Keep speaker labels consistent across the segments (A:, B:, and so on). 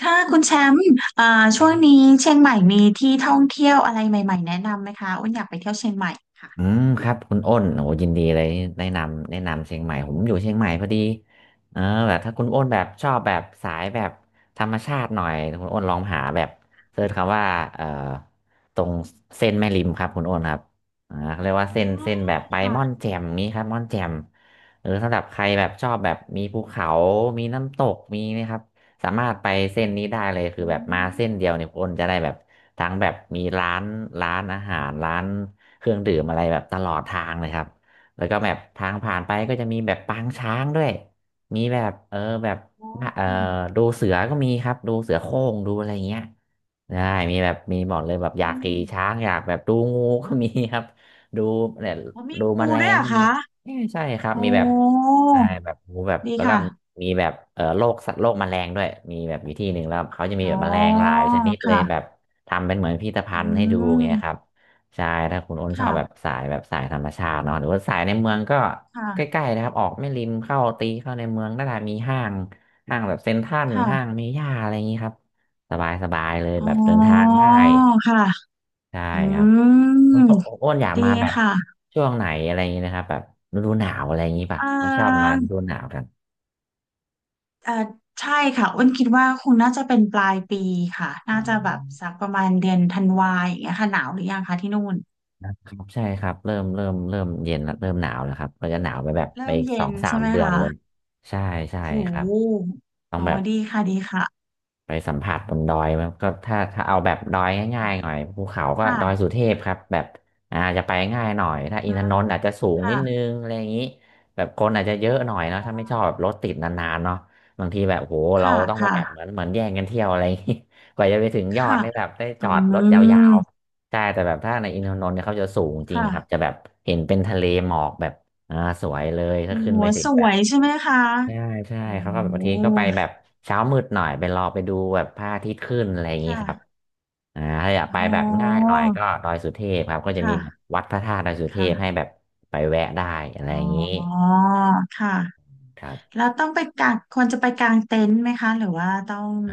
A: ค่ะคุณแชมป์อ่า
B: ค
A: ช่
B: รั
A: วง
B: บ
A: นี้เชียงใหม่มีที่ท่องเที่ยวอะไรใหม่ๆแนะนำไหมคะอ้นอยากไปเที่ยวเชียงใหม่ค่ะ
B: อืมครับคุณอ้นโอ้ยินดีเลยแนะนำเชียงใหม่ผมอยู่เชียงใหม่พอดีเออแบบถ้าคุณอ้นแบบชอบแบบสายแบบธรรมชาติหน่อยคุณอ้นลองหาแบบเสิร์ชคำว่าเอ่อตรงเส้นแม่ริมครับคุณอ้นครับเขาเรียกว่าเส้นแบบไปม่อนแจ่มนี้ครับม่อนแจ่มสำหรับใครแบบชอบแบบมีภูเขามีน้ำตกมีนะครับสามารถไปเส้นนี้ได้เลยคือแบบมาเส้นเดียวเนี่ยคุณอ้นจะได้แบบทั้งแบบมีร้านอาหารร้าน เครื่องดื่มอะไรแบบตลอดทางเลยครับแล้วก็แบบทางผ่านไปก็จะมีแบบปางช้างด้วยมีแบบแบบเออดูเสือก็มีครับดูเสือโคร่งดูอะไรเงี้ยได้มีแบบมีหมดเลยแบบอยากขี่ช้างอยากแบบดูงูก็มีครับ ดูเนี่ย
A: อ๋อมี
B: ดูแม
A: งู
B: ล
A: ด้วย
B: ง
A: เหรอะ
B: ก็มี
A: คะ
B: เอ้ยใช่ครับ
A: โอ้
B: มีแบบได้แบบงูแบบ
A: ดี
B: แล้วก็
A: ค่ะ
B: มีแบบโรคสัตว์โรคแมลงด้วยมีแบบอยู่ที่หนึ่งแล้วเขาจะมี
A: อ๋
B: แบบแมลงห
A: อ
B: ลายชนิดเลยแบ
A: ค่ะ
B: บทำเป็นเหมือนพิพิธภั
A: อื
B: ณฑ์ให้ดูอย่างเงี้ยครับ
A: ม
B: ใช่ถ้าคุณอ้นชอบแบบ
A: ค่ะ
B: สายแบบสายธรรมชาติเนาะหรือว่าสายในเมืองก็ใก
A: ค่ะ
B: ล้ๆนะครับออกไม่ริมเข้าตีเข้าในเมืองน่าจะมีห้างแบบเซ็นทรัลห้าง
A: ค่ะ
B: เมย่าอะไรอย่างนี้ครับสบายๆเลย
A: อ๋
B: แบบเดินืทาง
A: อ
B: ง่าย
A: ค่ะ
B: ใช่
A: อื
B: ครับคุณ
A: ม
B: อ้นอยาก
A: ดี
B: มาแบบ
A: ค่ะ
B: ช่วงไหนอะไรอย่างนี้นะครับแบบฤดูหนาวอะไรอย่างนี้ป่ะ
A: เอ่
B: ผมชอบมา
A: อ
B: ฤดูหนาวกัน
A: เอ่อใช่ค่ะอ้นคิดว่าคงน่าจะเป็นปลายปีค่ะ
B: อ
A: น่าจะแบบสั
B: อ
A: กประมาณเดือนธันวาอย่างเงี้ยค่ะหนาวหรือยังคะที่นู่น
B: ครับใช่ครับเริ่มเย็นละเริ่มหนาวแล้วครับก็จะหนาวไปแบบไป
A: เริ่ม
B: อีกส
A: เย็
B: อ
A: น
B: งสา
A: ใช่
B: ม
A: ไหม
B: เดือน
A: คะ
B: เลยใช่ใช่
A: โ
B: ครับ
A: ห
B: ต้อง
A: อ๋อ
B: แบบ
A: ดีค่ะดีค่ะ
B: ไปสัมผัสบนดอยมันก็ถ้าเอาแบบดอยง่ายๆหน่อยภูเขาก็ดอยสุ
A: ค่ะ
B: เทพครับแบบจะไปง่ายหน่อยถ้าอิน
A: อ่า
B: ทนนท์อาจจะสูงนิดนึ
A: ค่ะ
B: งอะไรอย่างนี้แบบคนอาจจะเยอะหน่อยเนอะถ้าไม่ชอบแบบรถติดนานๆเนาะบางทีแบบโหเรา
A: ค่ะ
B: ต้องไป
A: ค่ะ
B: แบบเหมือนแย่งกันเที่ยวอะไรอย่างนี้ กว่าจะไปถึงยอด
A: ค่ะ
B: เนี่ยแบบได้
A: อื
B: จอดรถยา
A: ม
B: วๆใช่แต่แบบถ้าในอินทนนท์เนี่ยเขาจะสูงจริง
A: ค่ะ
B: ครับจะแบบเห็นเป็นทะเลหมอกแบบอ่าสวยเลยถ้า
A: โอ้
B: ขึ้น
A: โห
B: ไปถึ
A: ส
B: งแบ
A: ว
B: บ
A: ยใช่ไหมคะ
B: ใช่ใช่
A: โอ้
B: เขาก็แบบ
A: โ
B: บางทีก็ไปแบ
A: ห
B: บเช้ามืดหน่อยไปรอไปดูแบบพระอาทิตย์ขึ้นอะไรอย่างนี้ครับ
A: ค่ะ
B: ถ้าอยากไป
A: อ๋อ
B: แบบง่ายหน่อยก็ดอยสุเทพครับก็
A: ค
B: จะมีแบบ
A: ่ะ
B: วัดพระธาตุดอยสุเทพให้
A: ค่ะ
B: แบบไปแวะได้อะไร
A: อ๋
B: อย่างนี้
A: อค่ะ
B: ครับ
A: แล้วต้องไปกางควรจะไปกางเต็นท์ไหมคะหรือว่าต้อง
B: อ่า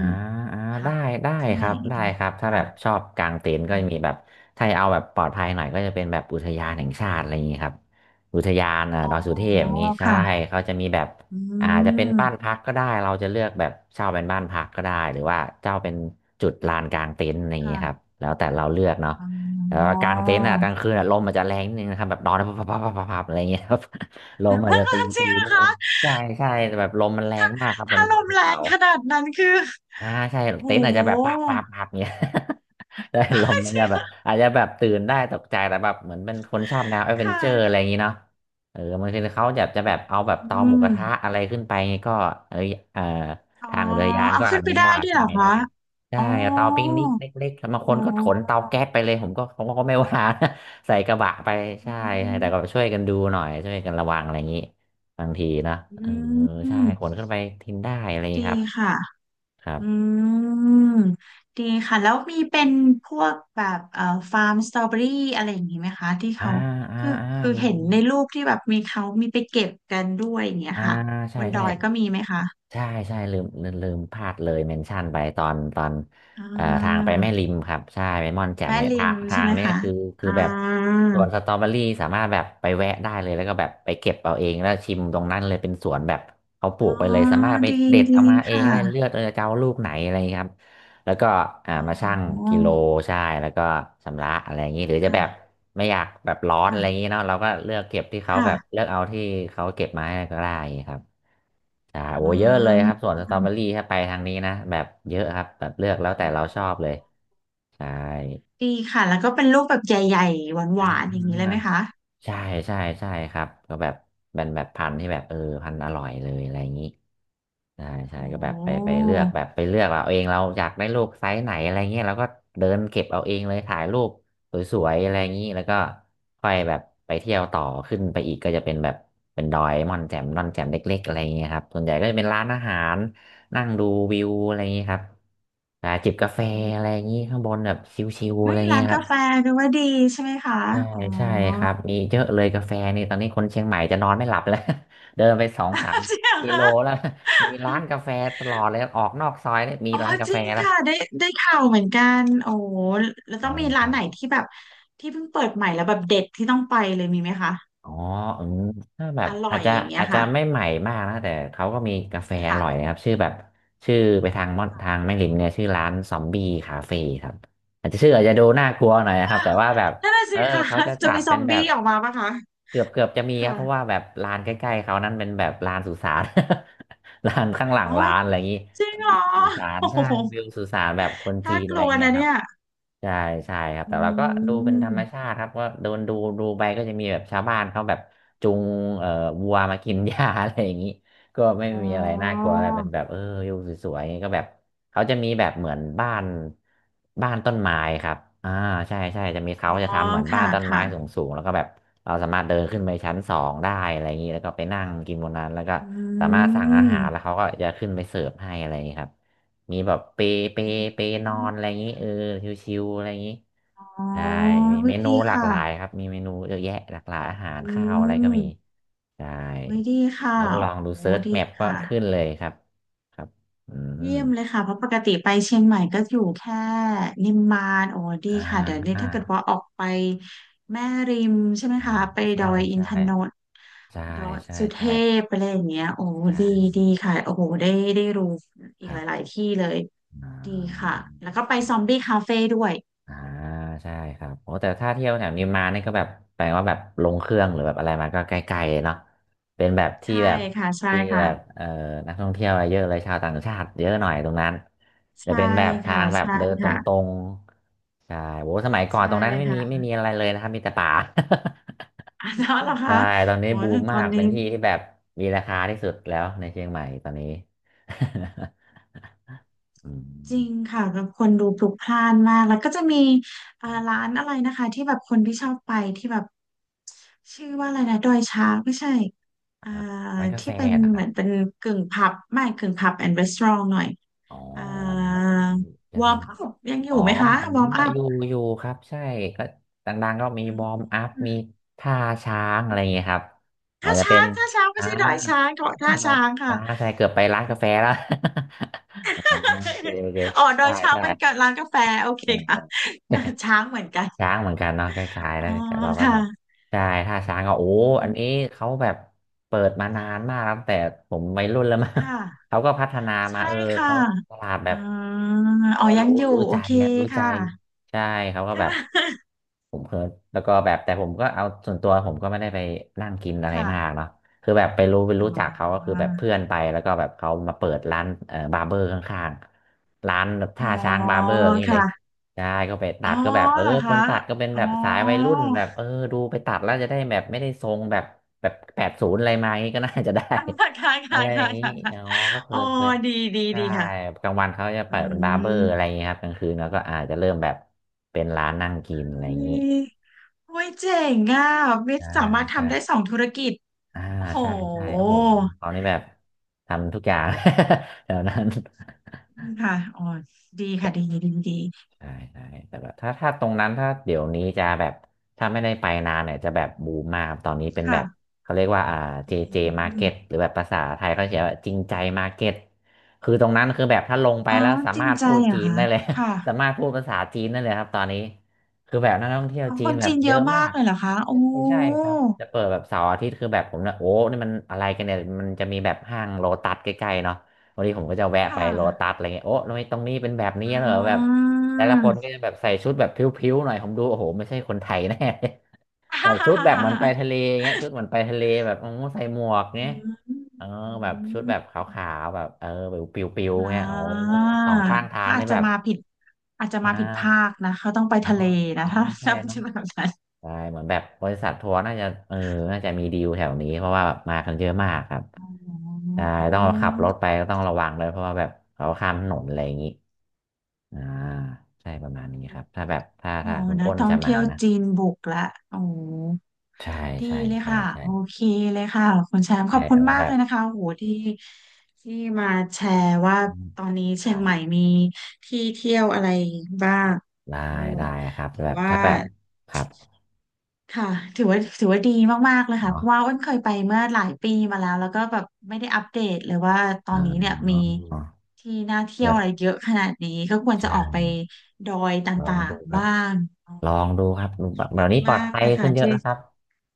B: อ่า
A: พั
B: ได้
A: ก
B: ได้
A: ที่
B: ค
A: ไหน
B: รับได้
A: ดี
B: ครับถ้าแบบช
A: ค่ะ
B: อบกางเต็นท์ก็จะมีแบบถ้าจะเอาแบบปลอดภัยหน่อยก็จะเป็นแบบอุทยานแห่งชาติอะไรอย่างนี้ครับอุทยาน
A: อ๋อ
B: ดอยสุเทพอย่างนี้ใช่
A: ค่ะ
B: เขาจะมีแบบ
A: อื
B: อาจจะเป็นบ้าน
A: ม
B: พักก็ได้เราจะเลือกแบบเช่าเป็นบ้านพักก็ได้หรือว่าเช่าเป็นจุดลานกางเต็นท์อะไรอย่างนี้ครับ
A: ค่ะ
B: แล้วแต่เราเลือกเนาะ
A: อ๋
B: แต่
A: อ
B: ว่ากางเต็นท์อ่ะกลางคืนอ่ะลมมันจะแรงนิดนึงนะครับแบบนอนพับพับพับพับพับอะไรอย่างเงี้ยครับ ลมอาจ
A: มัน
B: จะ
A: ก็
B: ตี
A: จ
B: ตี
A: ริง
B: นิ
A: นะ
B: ดนึ
A: คะ
B: งใช่ใช่แต่แบบลมมันแรงมากครับบน
A: ถ้าลม
B: ภู
A: แร
B: เขา
A: งขนาดนั้นคือ
B: อ่าใช่
A: โห
B: เต็นท์อาจจะแบบปาบปาบปาบเนี้ย ได้ ลม
A: จ
B: อาจ
A: ริ
B: จะ
A: ง
B: แบ
A: เหร
B: บ
A: อ
B: อาจจะแบบตื่นได้ตกใจแต่แบบเหมือนเป็นคนชอบแนวแอดเว
A: ค
B: นเจอร์อะไร
A: ่ะ
B: อย่างนี้เนาะเออบางทีเขาจะแบบเอาแบบเตา
A: อื
B: หมู
A: ม
B: กระทะอะไรขึ้นไปก็เอยเอ่อ
A: อ๋อ
B: ทางเรือยาน
A: เอา
B: ก็อ
A: ขึ้นไป
B: นุ
A: ได้
B: ญาต
A: ด้วย
B: ขึ้
A: เหร
B: น
A: อ
B: ไป
A: คะ
B: ได้ใช่
A: อ๋อ
B: เอาเตาปิงนิกเล็กๆบาง
A: อ๋
B: คน
A: อ
B: ก็ขนเตาแก๊สไปเลยผมก็ไม่ว่านะ ใส่กระบะไปใช่
A: อื
B: ใช่
A: ม
B: แต่ก็ช่วยกันดูหน่อยช่วยกันระวังอะไรอย่างนี้บางทีนะ
A: อ
B: เออ
A: ื
B: ใช่ขน
A: ม
B: ขึ้นไปทิ้งได้อะไรอย่าง
A: ดี
B: นี้ครับ
A: ค่ะ
B: ครับ
A: อืมดีค่ะ แล้วมีเป็นพวกแบบฟาร์มสตรอเบอรี่อะไรอย่างนี้ไหมคะที่
B: อ่า
A: เขา
B: อ่า
A: คือ
B: อ่า
A: คือ
B: มี
A: เห็นในรูปที่แบบมีเขามีไปเก็บกันด้วยอย่างเงี้ย
B: อ่า
A: ค่ะ
B: ใช่
A: บนด
B: ใช่
A: อยก็มีไหมคะ
B: ใช่ใช่ลืมพลาดเลยเมนชั่นไปตอน
A: อ่
B: ทางไป
A: า
B: แม่ริมครับใช่ไปม่อนแจ่ม
A: แม่
B: เนี่ย
A: ริ
B: ทา
A: ม
B: งทา
A: ใช่
B: ง
A: ไหม
B: เนี้ย
A: คะ
B: คือ
A: อ่า
B: แบบสวนสตรอเบอรี่สามารถแบบไปแวะได้เลยแล้วก็แบบไปเก็บเอาเองแล้วชิมตรงนั้นเลยเป็นสวนแบบเขาปลู
A: อ๋อ
B: กไปเลยสามารถไป
A: ดี
B: เด็ด
A: ดี
B: เอามาเอง
A: ค่ะ
B: ได้เลือกเออจะเอาลูกไหนอะไรอย่างเงี้ยครับแล้วก็มาชั่ง
A: อ๋
B: กิโล
A: อ
B: ใช่แล้วก็ชำระอะไรอย่างนี้หรือจะ
A: ค่ะ
B: แบบไม่อยากแบบร้อนอะไรอย่าง
A: ค่ะ
B: นี้เนาะเราก็เลือกเก็บที่เขาแบบ
A: ค่ะ
B: เลือกเอาที่เขาเก็บมาให้ก็ได้ครับ
A: อ๋
B: โอ้เยอะเลยค
A: อ
B: รับส่วนสตรอเบอรี่ถ้าไปทางนี้นะแบบเยอะครับแบบเลือกแล้ว
A: อ๋อ
B: แต่เราชอบเลยใช่
A: ดีค่ะแล้วก็เป็นรูปแบบใหญ่ๆห
B: อ่า
A: วานๆอย่างนี้เลยไหมคะ
B: ใช่ใช่ใช่ครับก็แบบเป็นแบบพันธุ์ที่แบบพันธุ์อร่อยเลยอะไรอย่างนี้ใช่
A: โอ
B: ใช่ก็แบบไป
A: ้
B: เลือกแบบไปเลือกเอาเองเราอยากได้ลูกไซส์ไหนอะไรเงี้ยเราก็เดินเก็บเอาเองเลยถ่ายรูปสวยๆอะไรอย่างนี้แล้วก็ค่อยแบบไปเที่ยวต่อขึ้นไปอีกก็จะเป็นแบบเป็นดอยม่อนแจ่มม่อนแจ่มเล็กๆอะไรอย่างเงี้ยครับส่วนใหญ่ก็จะเป็นร้านอาหารนั่งดูวิวอะไรอย่างนี้ครับจิบกาแฟ
A: อื
B: อะไรอ
A: ม
B: ย่างนี้ข้างบนแบบชิวๆอะ
A: เฮ้
B: ไร
A: ย
B: อย่างนี้
A: ร้าน
B: ครั
A: กา
B: บ
A: แฟดูว่าดีใช่ไหมคะ
B: ใช่
A: อ๋อ
B: ใช่ครับมีเยอะเลยกาแฟนี่ตอนนี้คนเชียงใหม่จะนอนไม่หลับแล้ว เดินไปสองสาม
A: จริงเหรอ
B: กิโล
A: คะ
B: แล้ว มีร้านกาแฟตลอดเลยออกนอกซอยเนี่ยมี
A: อ๋อ
B: ร้านกา
A: จ
B: แฟ
A: ริง
B: แล้ว
A: ค่ะได้ได้ข่าวเหมือนกันโอ้แล้วต้
B: ใช่
A: องมีร้า
B: ใช่
A: นไหนที่แบบที่เพิ่งเปิดใหม่แล้วแบบเด็ดที่ต้องไปเลยมีไหมคะ
B: อ๋อเอมถ้าแบบ
A: อร่อ
B: อาจ
A: ย
B: จะ
A: อย่างเงี้ย
B: อาจจะ
A: ค่ะ
B: ไม่ใหม่มากนะแต่เขาก็มีกาแฟอร่อยนะ
A: ค่ะ
B: ครับชื่อแบบชื่อไปทางม่อนทางแม่ริมเนี่ยชื่อร้านซอมบี้คาเฟ่ครับอาจจะชื่ออาจจะดูน่ากลัวหน่อยนะค
A: อ้า
B: รับ
A: ว
B: แต่ว่าแบบ
A: นั่นน่ะ
B: เอ
A: สิ
B: อ
A: ค่ะ
B: เขาจะ
A: จะ
B: จัด
A: มีซ
B: เป็
A: อ
B: น
A: ม
B: แบ
A: บี้
B: บ
A: ออกมาปะคะ
B: เกือบจะมีครั
A: ค่ะ
B: บเพราะว่าแบบร้านใกล้ๆเขานั้นเป็นแบบร้านสุสาน ร้านข้างหลัง
A: โอ้
B: ร้า
A: ย
B: นอะไรอย่างนี้
A: จริงเหร
B: มี
A: อ
B: สุสาน
A: โอ้
B: ใช่
A: โห
B: วิวสุสานแบบคน
A: น่า
B: จีน
A: ก
B: อะไร
A: ลัว
B: เงี้ย
A: นะ
B: ค
A: เนี่
B: รับ
A: ย
B: ใช่ใช่ครับ
A: อื
B: แต่ว่าก็ดูเป็นธร
A: ม
B: รมชาติครับก็โดนดูดูไปก็จะมีแบบชาวบ้านเขาแบบจูงเอ่อวัวมากินหญ้า อะไรอย่างนี้ก็ไม่
A: อ๋อ
B: มีอะไรน่ากลัวอะไรเป็นแบบอยู่สวยๆก็แบบเขาจะมีแบบเหมือนบ้านต้นไม้ครับอ่าใช่ใช่จะมีเขา
A: อ๋อ
B: จะทำเหมือนบ้า
A: ค่ะ
B: นต้นไม้
A: ค่ะ
B: สูงๆแล้วก็แบบเราสามารถเดินขึ้นไปชั้นสองได้อะไรอย่างนี้แล้วก็ไปนั่งกินบนนั้นแล้วก็
A: อื
B: สามารถสั่งอาหารแล้ว
A: ม
B: เขาก็จะขึ้นไปเสิร์ฟให้อะไรอย่างนี้ครับ มีแบบเปเปนอนอะไรอย่างนี้ชิวๆอะไรอย่างนี้
A: อ๋อ
B: ได้มี
A: ไม่
B: เมนู
A: ดี
B: หลาก
A: ค่ะ
B: หลายครับมีเมนูเยอะแยะหลากหลายอาหาร
A: อื
B: ข้าวอะไรก็
A: ม
B: มีได้
A: ไม่ดีค่ะ
B: แล้วลอง
A: โอ้
B: ดูเซิร์ช
A: ดี
B: แมปก็
A: ค่ะ
B: ขึ้นเลยครับครับอืม
A: เยี่ยมเลยค่ะเพราะปกติไปเชียงใหม่ก็อยู่แค่นิมมานโอ้ดี
B: อ่
A: ค่ะเดี๋ยวนี้
B: า
A: ถ้าเกิดว่าออกไปแม่ริมใช่ไหม
B: อื
A: คะ
B: ม
A: ไปด
B: ใช่
A: อยอิน
B: ใช่
A: ทนนท์
B: ใช่
A: ดอย
B: ใช่
A: สุเท
B: ใช่
A: พอะไรอย่างเงี้ยโอ้
B: ใช่
A: ดีดีค่ะโอ้โหได้ได้รู้อี
B: ค
A: ก
B: รั
A: ห
B: บ
A: ลายๆที่เลย
B: อ่
A: ดี
B: า
A: ค่ะแล้วก็ไปซอมบี้คาเฟ่ด้วย
B: อ่าใช่ครับโอ้แต่ถ้าเที่ยวแถวนี้มานี่ก็แบบแปลว่าแบบลงเครื่องหรือแบบอะไรมาก็ใกล้ๆเนาะเป็นแบบที่
A: ใช่
B: แบบ
A: ค่ะใช่
B: ที่
A: ค่ะ
B: แบบนักท่องเที่ยวเยอะเลยชาวต่างชาติเยอะหน่อยตรงนั้นจะ
A: ใช่
B: เป็นแบบทา
A: ค่ะ
B: งแบบ
A: ใช่
B: เดินตร
A: ค่ะ
B: งๆใช่โอ้สมัยก่อน
A: ใช่
B: ตรงนั้นไม่มี
A: ค่ะ
B: ไม่มีอะไรเลยนะครับมีแต่ป่า
A: อ้าวแล้วเหรอ คะ
B: ใช่ตอนนี้
A: โอ้ย
B: บูม
A: ตอ
B: มา
A: น
B: กเป็
A: นี้
B: นที่ที่แบบมีราคาที่สุดแล้วในเชียงใหม่ตอนนี้ อื
A: จ
B: ม
A: ริงค่ะแบบคนดูพลุกพล่านมากแล้วก็จะมี
B: อ่
A: ร้า
B: า
A: นอะไรนะคะที่แบบคนที่ชอบไปที่แบบชื่อว่าอะไรนะดอยช้างไม่ใช่อ่า
B: ร้านกาแฟ
A: ที่เป็น
B: นะค
A: เห
B: รั
A: มื
B: บ
A: อนเป็นกึ่งผับไม่กึ่งผับแอนด์รีสอร์ทหน่อย
B: อ๋อ
A: อ่า
B: ผมจะ
A: วอ
B: มี
A: ร์มอัพยังอ
B: อ๋
A: ยู่
B: อ
A: ไหมคะ
B: อ๋อ
A: วอร์มอัพ
B: อยู่ อยู่ครับ ใช่ก็ดังๆก็มีวอร์มอัพ มีท่าช้างอะไรอย่างเงี้ยครับ อา
A: ท่า
B: จจะเป็
A: ช้า
B: น
A: งท่าช้างไม่
B: อ่า
A: ใช่ดอยช้างเกาะ
B: ค
A: ท่า
B: รับครั
A: ช้า
B: บ
A: งค่ะ
B: ใช่ เกือบไปร้านกาแฟแล้ว อ๋อโอเคโอเค
A: อ๋อดอ
B: ใช่
A: ยช้าง
B: ใช
A: เป็นกับ
B: ่
A: ร้านกาแฟโอเคค่ะ ช้างเหมือนกัน
B: ช้างเหมือนกันเนาะคล้ายๆ
A: อ๋อ
B: นะแต่เราก็แบบ
A: ค่ะ
B: ใช่ถ้าช้างก็โอ้อันนี้เขาแบบเปิดมานานมากแล้วตั้งแต่ผมวัยรุ่นแล้วมั้ง
A: ค่ะ
B: เขาก็พัฒนามา
A: ใช่ค่ะ
B: เขาตลาดแบ
A: อ่า
B: บเขา
A: อ๋อ
B: ก็
A: ยั
B: รู้
A: งอยู่
B: รู้
A: โอ
B: ใจ
A: เค
B: นะรู้ใจ
A: ค่ะ
B: ใช่เขาก็
A: ค่
B: แบบ
A: ะ
B: ผมเพิ่แล้วก็แบบแต่ผมก็เอาส่วนตัวผมก็ไม่ได้ไปนั่งกินอะไรมาก
A: ค่ะ
B: เนาะคือแบบไปรู้
A: อ๋
B: จักเขาก็คือ
A: อ
B: แบบเพื่อนไปแล้วก็แบบเขามาเปิดร้านบาร์เบอร์ข้างๆร้านแบบ
A: อ๋อ
B: ท่าช้างบาร์เบอร์อย่างนี้เลย
A: ค่ะ
B: ใช่ก็ไปตั
A: อ๋อ
B: ดก็แบบ
A: เหรอ
B: ค
A: คะ
B: นตัดก็เป็น
A: อ๋อ
B: แบบสายวัยรุ่นแบบดูไปตัดแล้วจะได้แบบไม่ได้ทรงแบบแบบแปดศูนย์อะไรมาอย่างนี้ก็น่าจะได้
A: ค่ะค่ะ
B: อะ
A: ค่ะ
B: ไรอย่า
A: ค่ะ
B: งนี้
A: ค่ะค่ะ
B: อ๋อก็เค
A: อ๋อ
B: ยเคย
A: ดีดี
B: ใช่
A: ดีค่ะ
B: กลางวันเขาจะ
A: อื
B: เปิดเป็นบาร์เบอร์อะไรอ
A: ม
B: ย่างเงี้ยครับกลางคืนแล้วก็อาจจะเริ่มแบบเป็นร้านนั่งกินอะ
A: เฮ้
B: ไรอย่างงี้
A: ยโอ้ยเจ๋งอ่ะวิท
B: ใช่
A: ย์สามารถ
B: ใช่
A: ทำได้สองธุรกิจ
B: อ่า
A: โอ้โห
B: ใช่ใช่โอ้โหเขานี่แบบทำทุกอย่าง แถวนั้น
A: ค่ะอ๋อดีค่ะดีดีดี
B: ใช่ใช่แต่แบบถ้าตรงนั้นถ้าเดี๋ยวนี้จะแบบถ้าไม่ได้ไปนานเนี่ยจะแบบบูมมากครับตอนนี้เป็นแบ
A: ค่ะ
B: บเขาเรียกว่าJJ
A: อื
B: Market
A: ม
B: หรือแบบภาษาไทยเขาเขียนว่าจริงใจ Market คือตรงนั้นคือแบบถ้าลงไป
A: อ๋อ
B: แล้วสา
A: จริ
B: มา
A: ง
B: รถ
A: ใจ
B: พูด
A: เหร
B: จี
A: อ
B: น
A: คะ
B: ได้เลย
A: ค่ะ
B: สามารถพูดภาษาจีนได้เลยครับตอนนี้คือแบบนักท่องเที่ยว
A: อ๋อ
B: จี
A: ค
B: น
A: น
B: แบบ
A: จีน
B: เย
A: เยอะ
B: อะมา
A: มาก
B: ก
A: เลยเหรอคะโอ้
B: ไม่ใช่ครับจะเปิดแบบเสาร์อาทิตย์คือแบบผมนะโอ้นี่มันอะไรกันเนี่ยมันจะมีแบบห้างโลตัสใกล้ๆเนาะวันนี้ผมก็จะแวะ
A: ค่
B: ไปโลตั
A: ะ
B: สอะไรเงี้ยโอ้ทำไมตรงนี้เป็นแบบนี้
A: อ่
B: เหรอแบบ
A: า
B: แต่ละคนก็จะแบบใส่ชุดแบบผิวๆหน่อยผมดูโอ้โหไม่ใช่คนไทยแน่ แบ
A: ฮ่า
B: บ
A: ฮ่า
B: ชุด
A: ฮ่า
B: แบบ
A: ฮ่า
B: เหมือน
A: ฮ่า
B: ไปทะเลเงี้ยชุดเหมือนไปทะเลแบบโอ้ใส่หมวก
A: อื
B: เงี้ย
A: ม
B: เออ
A: อื
B: แบบชุด
A: ม
B: แบบขาวๆแบบเออแบบปิว
A: อ่
B: ๆเงี้ยโอ้
A: า
B: สองข้างทา
A: เขา
B: ง
A: อา
B: นี่
A: จจะ
B: แบบ
A: มาผิด อาจจะ
B: อ่
A: มาผิดภาค
B: า
A: นะ เขาต้องไป
B: อ๋อ
A: ทะเล
B: อ๋อ
A: นะถ้า
B: ใช่
A: ถ้าเป
B: เนาะ
A: ็นแบบนั้น
B: ใช่เหมือนแบบบริษัททัวร์น่าจะเออน่าจะมีดีลแถวนี้เพราะว่าแบบมากันเยอะมากครับ
A: อ๋อ
B: ใช่ต้องขับรถไปก็ต้องระวังเลยเพราะว่าแบบเขาข้ามถนนอะไรอย่างนี้อ่าใช่ประมาณนี้ครับถ้าแบบถ้า
A: อ๋อ
B: ถ้าคุณ
A: นะ
B: อ้น
A: ท่อ
B: จะ
A: ง
B: มา
A: เที่ยว
B: นะ
A: จีนบุกละโอ้
B: ใช่
A: ดี
B: ใช่
A: เลย
B: ใช่
A: ค่ะ
B: ใช่
A: โอเคเลยค่ะคุณแชมป์ข
B: ใช่
A: อบคุณ
B: เอาไว้
A: มา
B: แบ
A: กเล
B: บ
A: ยนะคะโอ้โหที่ที่มาแชร์ว่า
B: อืม
A: ตอนนี้
B: ไ
A: เชียงใหม่มีที่เที่ยวอะไรบ้าง
B: ด้
A: โอ้
B: ได้ครับ
A: ถื
B: แบ
A: อ
B: บ
A: ว่า
B: ถ้าแบบครับ
A: ค่ะถือว่าถือว่าดีมากๆเลยค่ะเพ
B: เนาะ
A: ราะว่าอ้นเคยไปเมื่อหลายปีมาแล้วแล้วก็แบบไม่ได้อัปเดตเลยว่าตอ
B: อ๋
A: นนี้เนี่ยมี
B: อ
A: ที่น่าเที่ยว
B: แบ
A: อะไร
B: บ
A: เยอะขนาดนี้ก็ควรจะ
B: ใช่
A: ออกไปดอยต
B: ลอ
A: ่า
B: ง
A: ง
B: ดูค
A: ๆ
B: รับ
A: บ้าง
B: ลองดูครับดูแบบเดี๋
A: ดี
B: ยวนี้ปลอด
A: มาก
B: ภัย
A: เลยค่ะ
B: ขึ้นเยอะ
A: ที่
B: แล้วครับ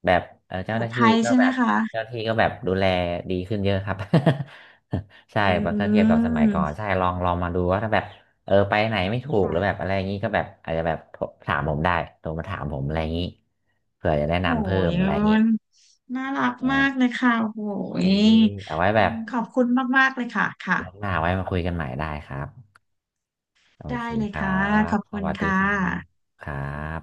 B: แบบ
A: ป
B: เจ้า
A: ล
B: ห
A: อด
B: น้าที่
A: ภัย
B: ก็
A: ใช่
B: แบ
A: ไหม
B: บ
A: คะ
B: เจ้าหน้าที่ก็แบบดูแลดีขึ้นเยอะครับ ใช่
A: อื
B: แบบถ้าเทียบกับสมัยก่อน
A: ม
B: ใช่ลองมาดูว่าถ้าแบบเออไปไหนไม่ถูกหรือแบบ
A: ค่ะ
B: อะไรอย่างนี้ก็แบบอาจจะแบบถามผมได้โทรมาถามผมอะไรอย่างนี้เผื่อจะแนะ
A: โห
B: นำเพิ่ม
A: ย
B: อะไรอย่างนี้
A: นน่ารัก
B: โอ
A: มากเลยค่ะโห
B: เค
A: ย
B: เอาไว้แบบ
A: ขอบคุณมากๆเลยค่ะค่ะ
B: รอบหน้าไว้มาคุยกันใหม่ได้ครับโอ
A: ได้
B: เค
A: เลย
B: ครั
A: ค่ะ ข
B: บ
A: อบ
B: ส
A: คุณ
B: วัสดี
A: ค่ะ
B: ครับครับ